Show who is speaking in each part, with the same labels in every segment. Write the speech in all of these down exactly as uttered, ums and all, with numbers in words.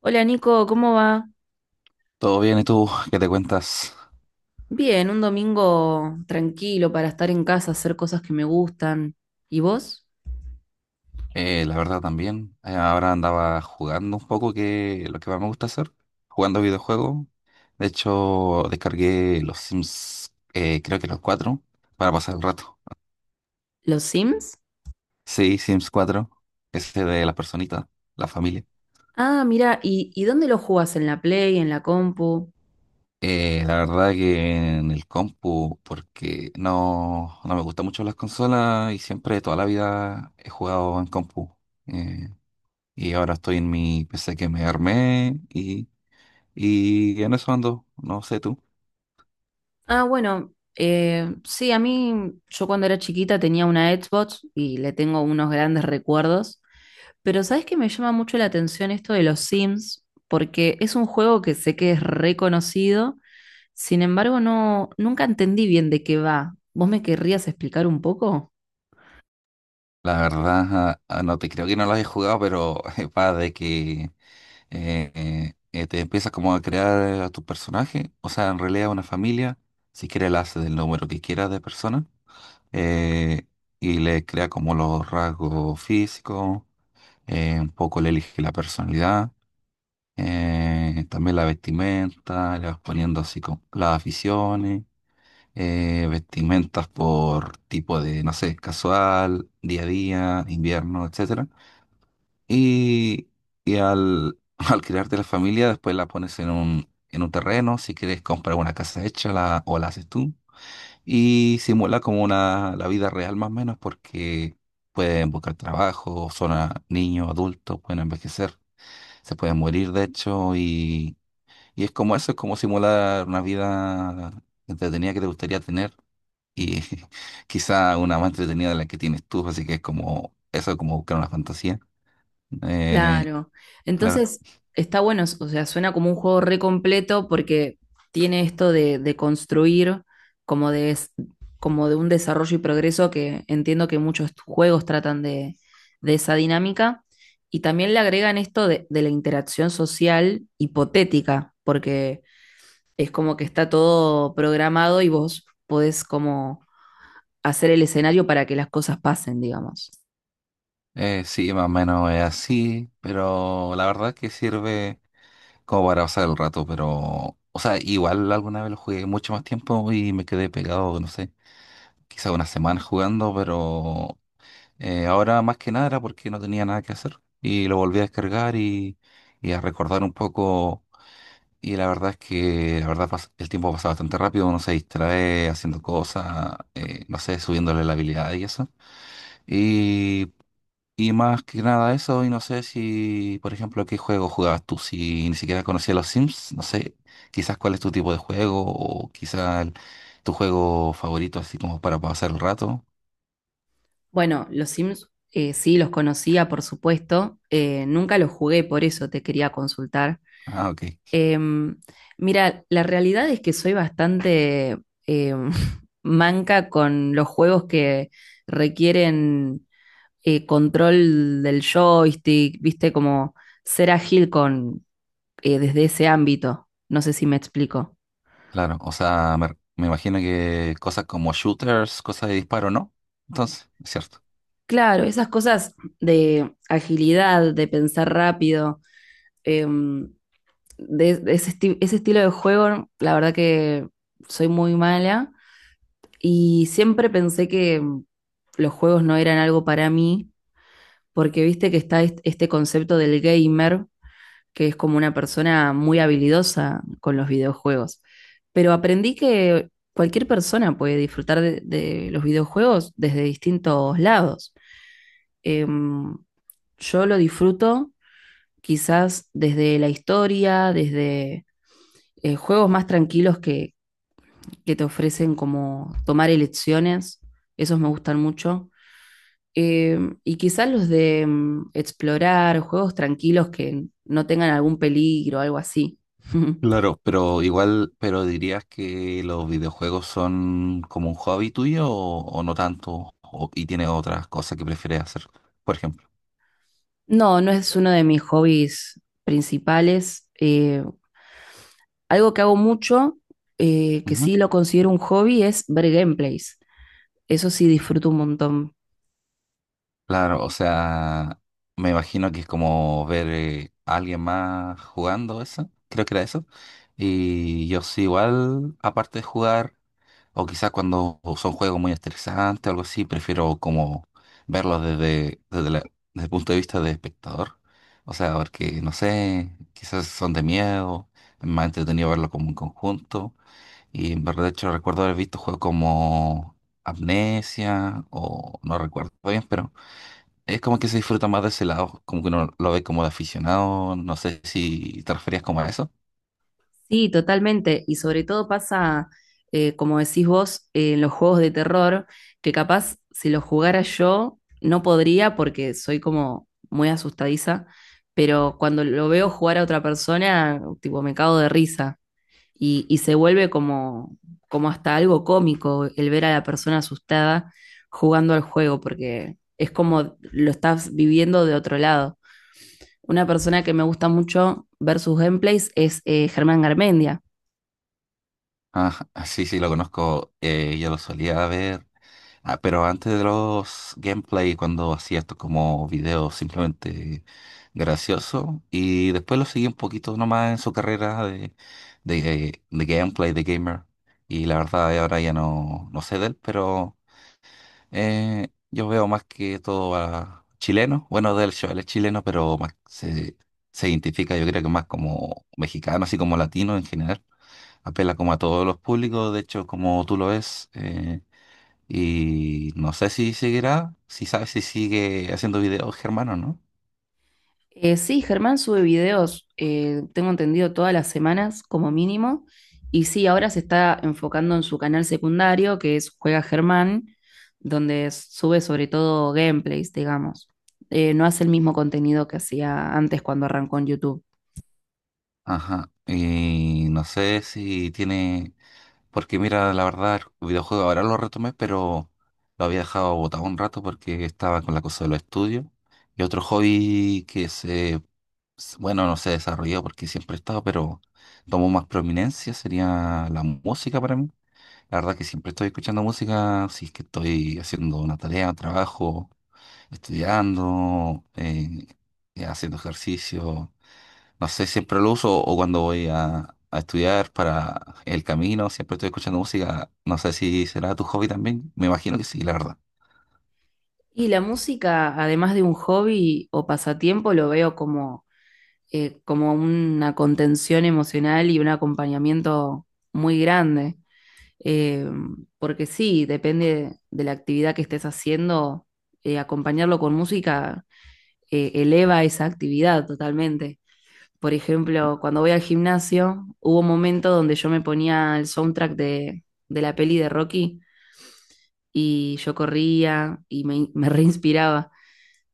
Speaker 1: Hola Nico, ¿cómo va?
Speaker 2: Todo bien, ¿y tú qué te cuentas?
Speaker 1: Bien, un domingo tranquilo para estar en casa, hacer cosas que me gustan. ¿Y vos?
Speaker 2: Eh, la verdad también, eh, ahora andaba jugando un poco, que es lo que más me gusta hacer, jugando videojuegos. De hecho, descargué los Sims, eh, creo que los cuatro, para pasar el rato.
Speaker 1: ¿Los Sims?
Speaker 2: Sí, Sims cuatro, ese de la personita, la familia.
Speaker 1: Ah, mira, ¿y, y dónde los jugás? ¿En la Play, en la compu?
Speaker 2: Eh, la verdad que en el compu, porque no, no me gustan mucho las consolas y siempre toda la vida he jugado en compu. Eh, y ahora estoy en mi P C que me armé. y Y en eso ando, no sé tú.
Speaker 1: Ah, bueno, eh, sí, a mí, yo cuando era chiquita tenía una Xbox y le tengo unos grandes recuerdos. Pero ¿sabés que me llama mucho la atención esto de los Sims? Porque es un juego que sé que es reconocido, sin embargo, no, nunca entendí bien de qué va. ¿Vos me querrías explicar un poco?
Speaker 2: La verdad, ah, ah, no te creo que no lo hayas jugado, pero eh, va de que eh, eh, eh, te empiezas como a crear a tu personaje, o sea, en realidad una familia, si quieres la hace del número que quieras de personas, eh, y le crea como los rasgos físicos, eh, un poco le elige la personalidad, eh, también la vestimenta, le vas poniendo así como las aficiones. Eh, vestimentas por tipo de, no sé, casual, día a día, invierno, etcétera. Y, y al, al crearte la familia, después la pones en un, en un terreno, si quieres comprar una casa hecha la, o la haces tú. Y simula como una, la vida real más o menos porque pueden buscar trabajo, son a- niños, adultos, pueden envejecer, se pueden morir de hecho y, y es como eso, es como simular una vida entretenida que te gustaría tener y quizá una más entretenida de la que tienes tú, así que es como eso, es como buscar una fantasía. Eh,
Speaker 1: Claro.
Speaker 2: claro.
Speaker 1: Entonces, está bueno, o sea, suena como un juego re completo porque tiene esto de, de construir como de, es- como de un desarrollo y progreso que entiendo que muchos juegos tratan de, de esa dinámica. Y también le agregan esto de, de la interacción social hipotética, porque es como que está todo programado y vos podés como hacer el escenario para que las cosas pasen, digamos.
Speaker 2: Eh, sí, más o menos es así, pero la verdad que sirve como para pasar el rato, pero, o sea, igual alguna vez lo jugué mucho más tiempo y me quedé pegado, no sé, quizá una semana jugando, pero eh, ahora más que nada era porque no tenía nada que hacer y lo volví a descargar y, y a recordar un poco. Y la verdad es que la verdad pas- el tiempo pasa bastante rápido, uno se distrae haciendo cosas, eh, no sé, subiéndole la habilidad y eso. Y, y más que nada eso, y no sé si, por ejemplo, qué juego jugabas tú, si ni siquiera conocías los Sims, no sé, quizás cuál es tu tipo de juego o quizás tu juego favorito, así como para pasar el rato.
Speaker 1: Bueno, los Sims eh, sí los conocía, por supuesto. Eh, nunca los jugué, por eso te quería consultar.
Speaker 2: Ah, ok,
Speaker 1: Em, Mira, la realidad es que soy bastante em, manca con los juegos que requieren eh, control del joystick, viste, como ser ágil con eh, desde ese ámbito. No sé si me explico.
Speaker 2: claro, o sea, me, me imagino que cosas como shooters, cosas de disparo, ¿no? Entonces, es cierto.
Speaker 1: Claro, esas cosas de agilidad, de pensar rápido. em, de, de ese, esti- ese estilo de juego, la verdad que soy muy mala y siempre pensé que mm, los juegos no eran algo para mí, porque viste que está est- este concepto del gamer, que es como una persona muy habilidosa con los videojuegos. Pero aprendí que cualquier persona puede disfrutar de, de los videojuegos desde distintos lados. Em, yo lo disfruto quizás desde la historia, desde eh, juegos más tranquilos que, que te ofrecen como tomar elecciones, esos me gustan mucho. Eh, y quizás los de mm, explorar, juegos tranquilos que no tengan algún peligro, algo así.
Speaker 2: Claro, pero igual, pero dirías que los videojuegos son como un hobby tuyo o, o no tanto, o- y tienes otras cosas que prefieres hacer, por ejemplo.
Speaker 1: No, no es uno de mis hobbies principales. Eh, algo que hago mucho, eh, que
Speaker 2: Ujú.
Speaker 1: sí lo considero un hobby, es ver gameplays. Eso sí disfruto un montón.
Speaker 2: Claro, o sea, me imagino que es como ver eh, a alguien más jugando eso, creo que era eso. Y yo sí, igual, aparte de jugar, o quizás cuando son juegos muy estresantes o algo así, prefiero como verlos desde, desde, la- desde el punto de vista de espectador. O sea, porque, no sé, quizás son de miedo, es más entretenido verlo como un conjunto. Y en verdad, de hecho, recuerdo haber visto juegos como Amnesia o no recuerdo bien, pero es como que se disfruta más de ese lado, como que uno lo ve como de aficionado. No sé si te referías como a eso.
Speaker 1: Sí, totalmente. Y sobre todo pasa, eh, como decís vos, eh, en los juegos de terror, que capaz si los jugara yo no podría porque soy como muy asustadiza, pero cuando lo veo jugar a otra persona, tipo, me cago de risa. Y, y se vuelve como, como hasta algo cómico el ver a la persona asustada jugando al juego, porque es como lo estás viviendo de otro lado. Una persona que me gusta mucho ver sus gameplays es eh, Germán Garmendia.
Speaker 2: Ah, ah, sí, sí, lo conozco. Eh, yo lo solía ver. Ah, pero antes de los gameplay, cuando hacía esto como videos simplemente gracioso, y después lo seguí un poquito nomás en su carrera de, de, de gameplay, de gamer, y la verdad eh, ahora ya no, no sé de él, pero eh, yo veo más que todo a chileno, bueno, del show, él es chileno, pero más se, se identifica yo creo que más como mexicano, así como latino en general apela como a todos los públicos, de hecho, como tú lo ves, eh, y no sé si seguirá, si sabes si sigue haciendo videos, Germán, o no.
Speaker 1: Eh, sí, Germán sube videos, eh, tengo entendido, todas las semanas como mínimo. Y sí, ahora se está enfocando en su canal secundario, que es Juega Germán, donde sube sobre todo gameplays, digamos. Eh, no hace el mismo contenido que hacía antes cuando arrancó en YouTube.
Speaker 2: Ajá, y no sé si tiene, porque mira, la verdad, el videojuego ahora lo retomé, pero lo había dejado botado un rato porque estaba con la cosa de los estudios. Y otro hobby que se, s- bueno, no se desarrolló porque siempre he estado, pero tomó más prominencia sería la música para mí. La verdad que siempre estoy escuchando música, si es que estoy haciendo una tarea, un trabajo, estudiando, eh, eh, haciendo ejercicio. No sé, siempre lo uso o cuando voy a, a estudiar para el camino, siempre estoy escuchando música. No sé si será tu hobby también. Me imagino que sí, la verdad.
Speaker 1: Y la música, además de un hobby o pasatiempo, lo veo como, eh, como una contención emocional y un acompañamiento muy grande. Eh, porque sí, depende de la actividad que estés haciendo, eh, acompañarlo con música eh, eleva esa actividad totalmente. Por ejemplo, cuando voy al gimnasio, hubo un momento donde yo me ponía el soundtrack de, de la peli de Rocky y yo corría y me, me reinspiraba.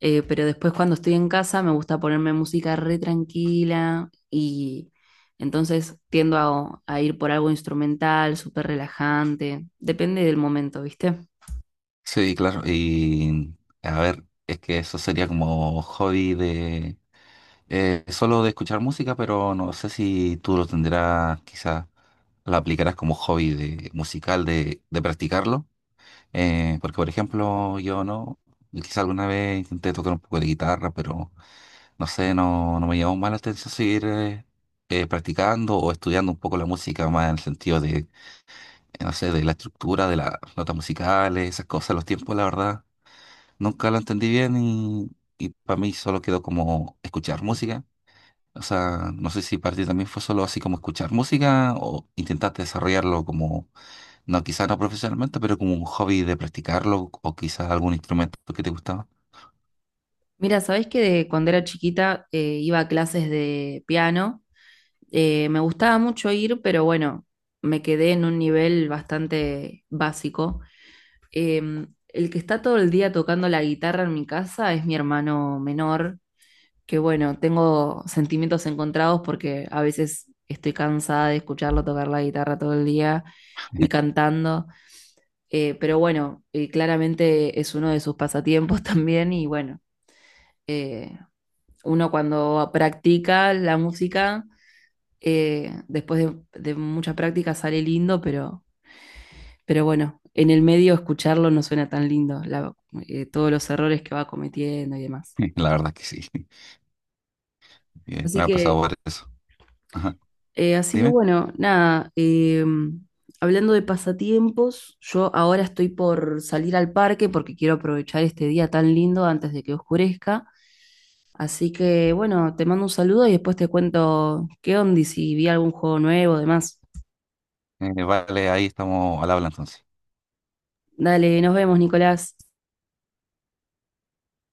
Speaker 1: Eh, pero después cuando estoy en casa me gusta ponerme música re tranquila y entonces tiendo a, a ir por algo instrumental, súper relajante, depende del momento, ¿viste?
Speaker 2: Sí, claro. Y a ver, es que eso sería como hobby de Eh, solo de escuchar música, pero no sé si tú lo tendrás, quizás lo aplicarás como hobby de, musical de, de practicarlo. Eh, porque, por ejemplo, yo no, quizás alguna vez intenté tocar un poco de guitarra, pero no sé, no, no me llamó más la atención seguir eh, eh, practicando o estudiando un poco la música más en el sentido de, eh, no sé, de la estructura, de las notas musicales, esas cosas, los tiempos, la verdad. Nunca lo entendí bien y, y para mí solo quedó como escuchar música, o sea, no sé si para ti también fue solo así como escuchar música o intentaste desarrollarlo como, no, quizás no profesionalmente, pero como un hobby de practicarlo o quizás algún instrumento que te gustaba.
Speaker 1: Mira, ¿sabés que de cuando era chiquita eh, iba a clases de piano? Eh, me gustaba mucho ir, pero bueno, me quedé en un nivel bastante básico. Em, el que está todo el día tocando la guitarra en mi casa es mi hermano menor que bueno, tengo sentimientos encontrados porque a veces estoy cansada de escucharlo tocar la guitarra todo el día y cantando, eh, pero bueno, eh, claramente es uno de sus pasatiempos también y bueno, eh, uno cuando practica la música, eh, después de, de mucha práctica sale lindo, pero, pero bueno, en el medio escucharlo no suena tan lindo, la- eh, todos los errores que va cometiendo y demás.
Speaker 2: La verdad es que sí, Eh,
Speaker 1: Así
Speaker 2: me ha pasado
Speaker 1: que
Speaker 2: por eso. Ajá.
Speaker 1: Eh, así que
Speaker 2: Dime.
Speaker 1: bueno, nada, eh, hablando de pasatiempos, yo ahora estoy por salir al parque porque quiero aprovechar este día tan lindo antes de que oscurezca. Así que bueno, te mando un saludo y después te cuento qué onda y si vi algún juego nuevo, demás.
Speaker 2: Eh, vale, ahí estamos al habla entonces.
Speaker 1: Dale, nos vemos, Nicolás.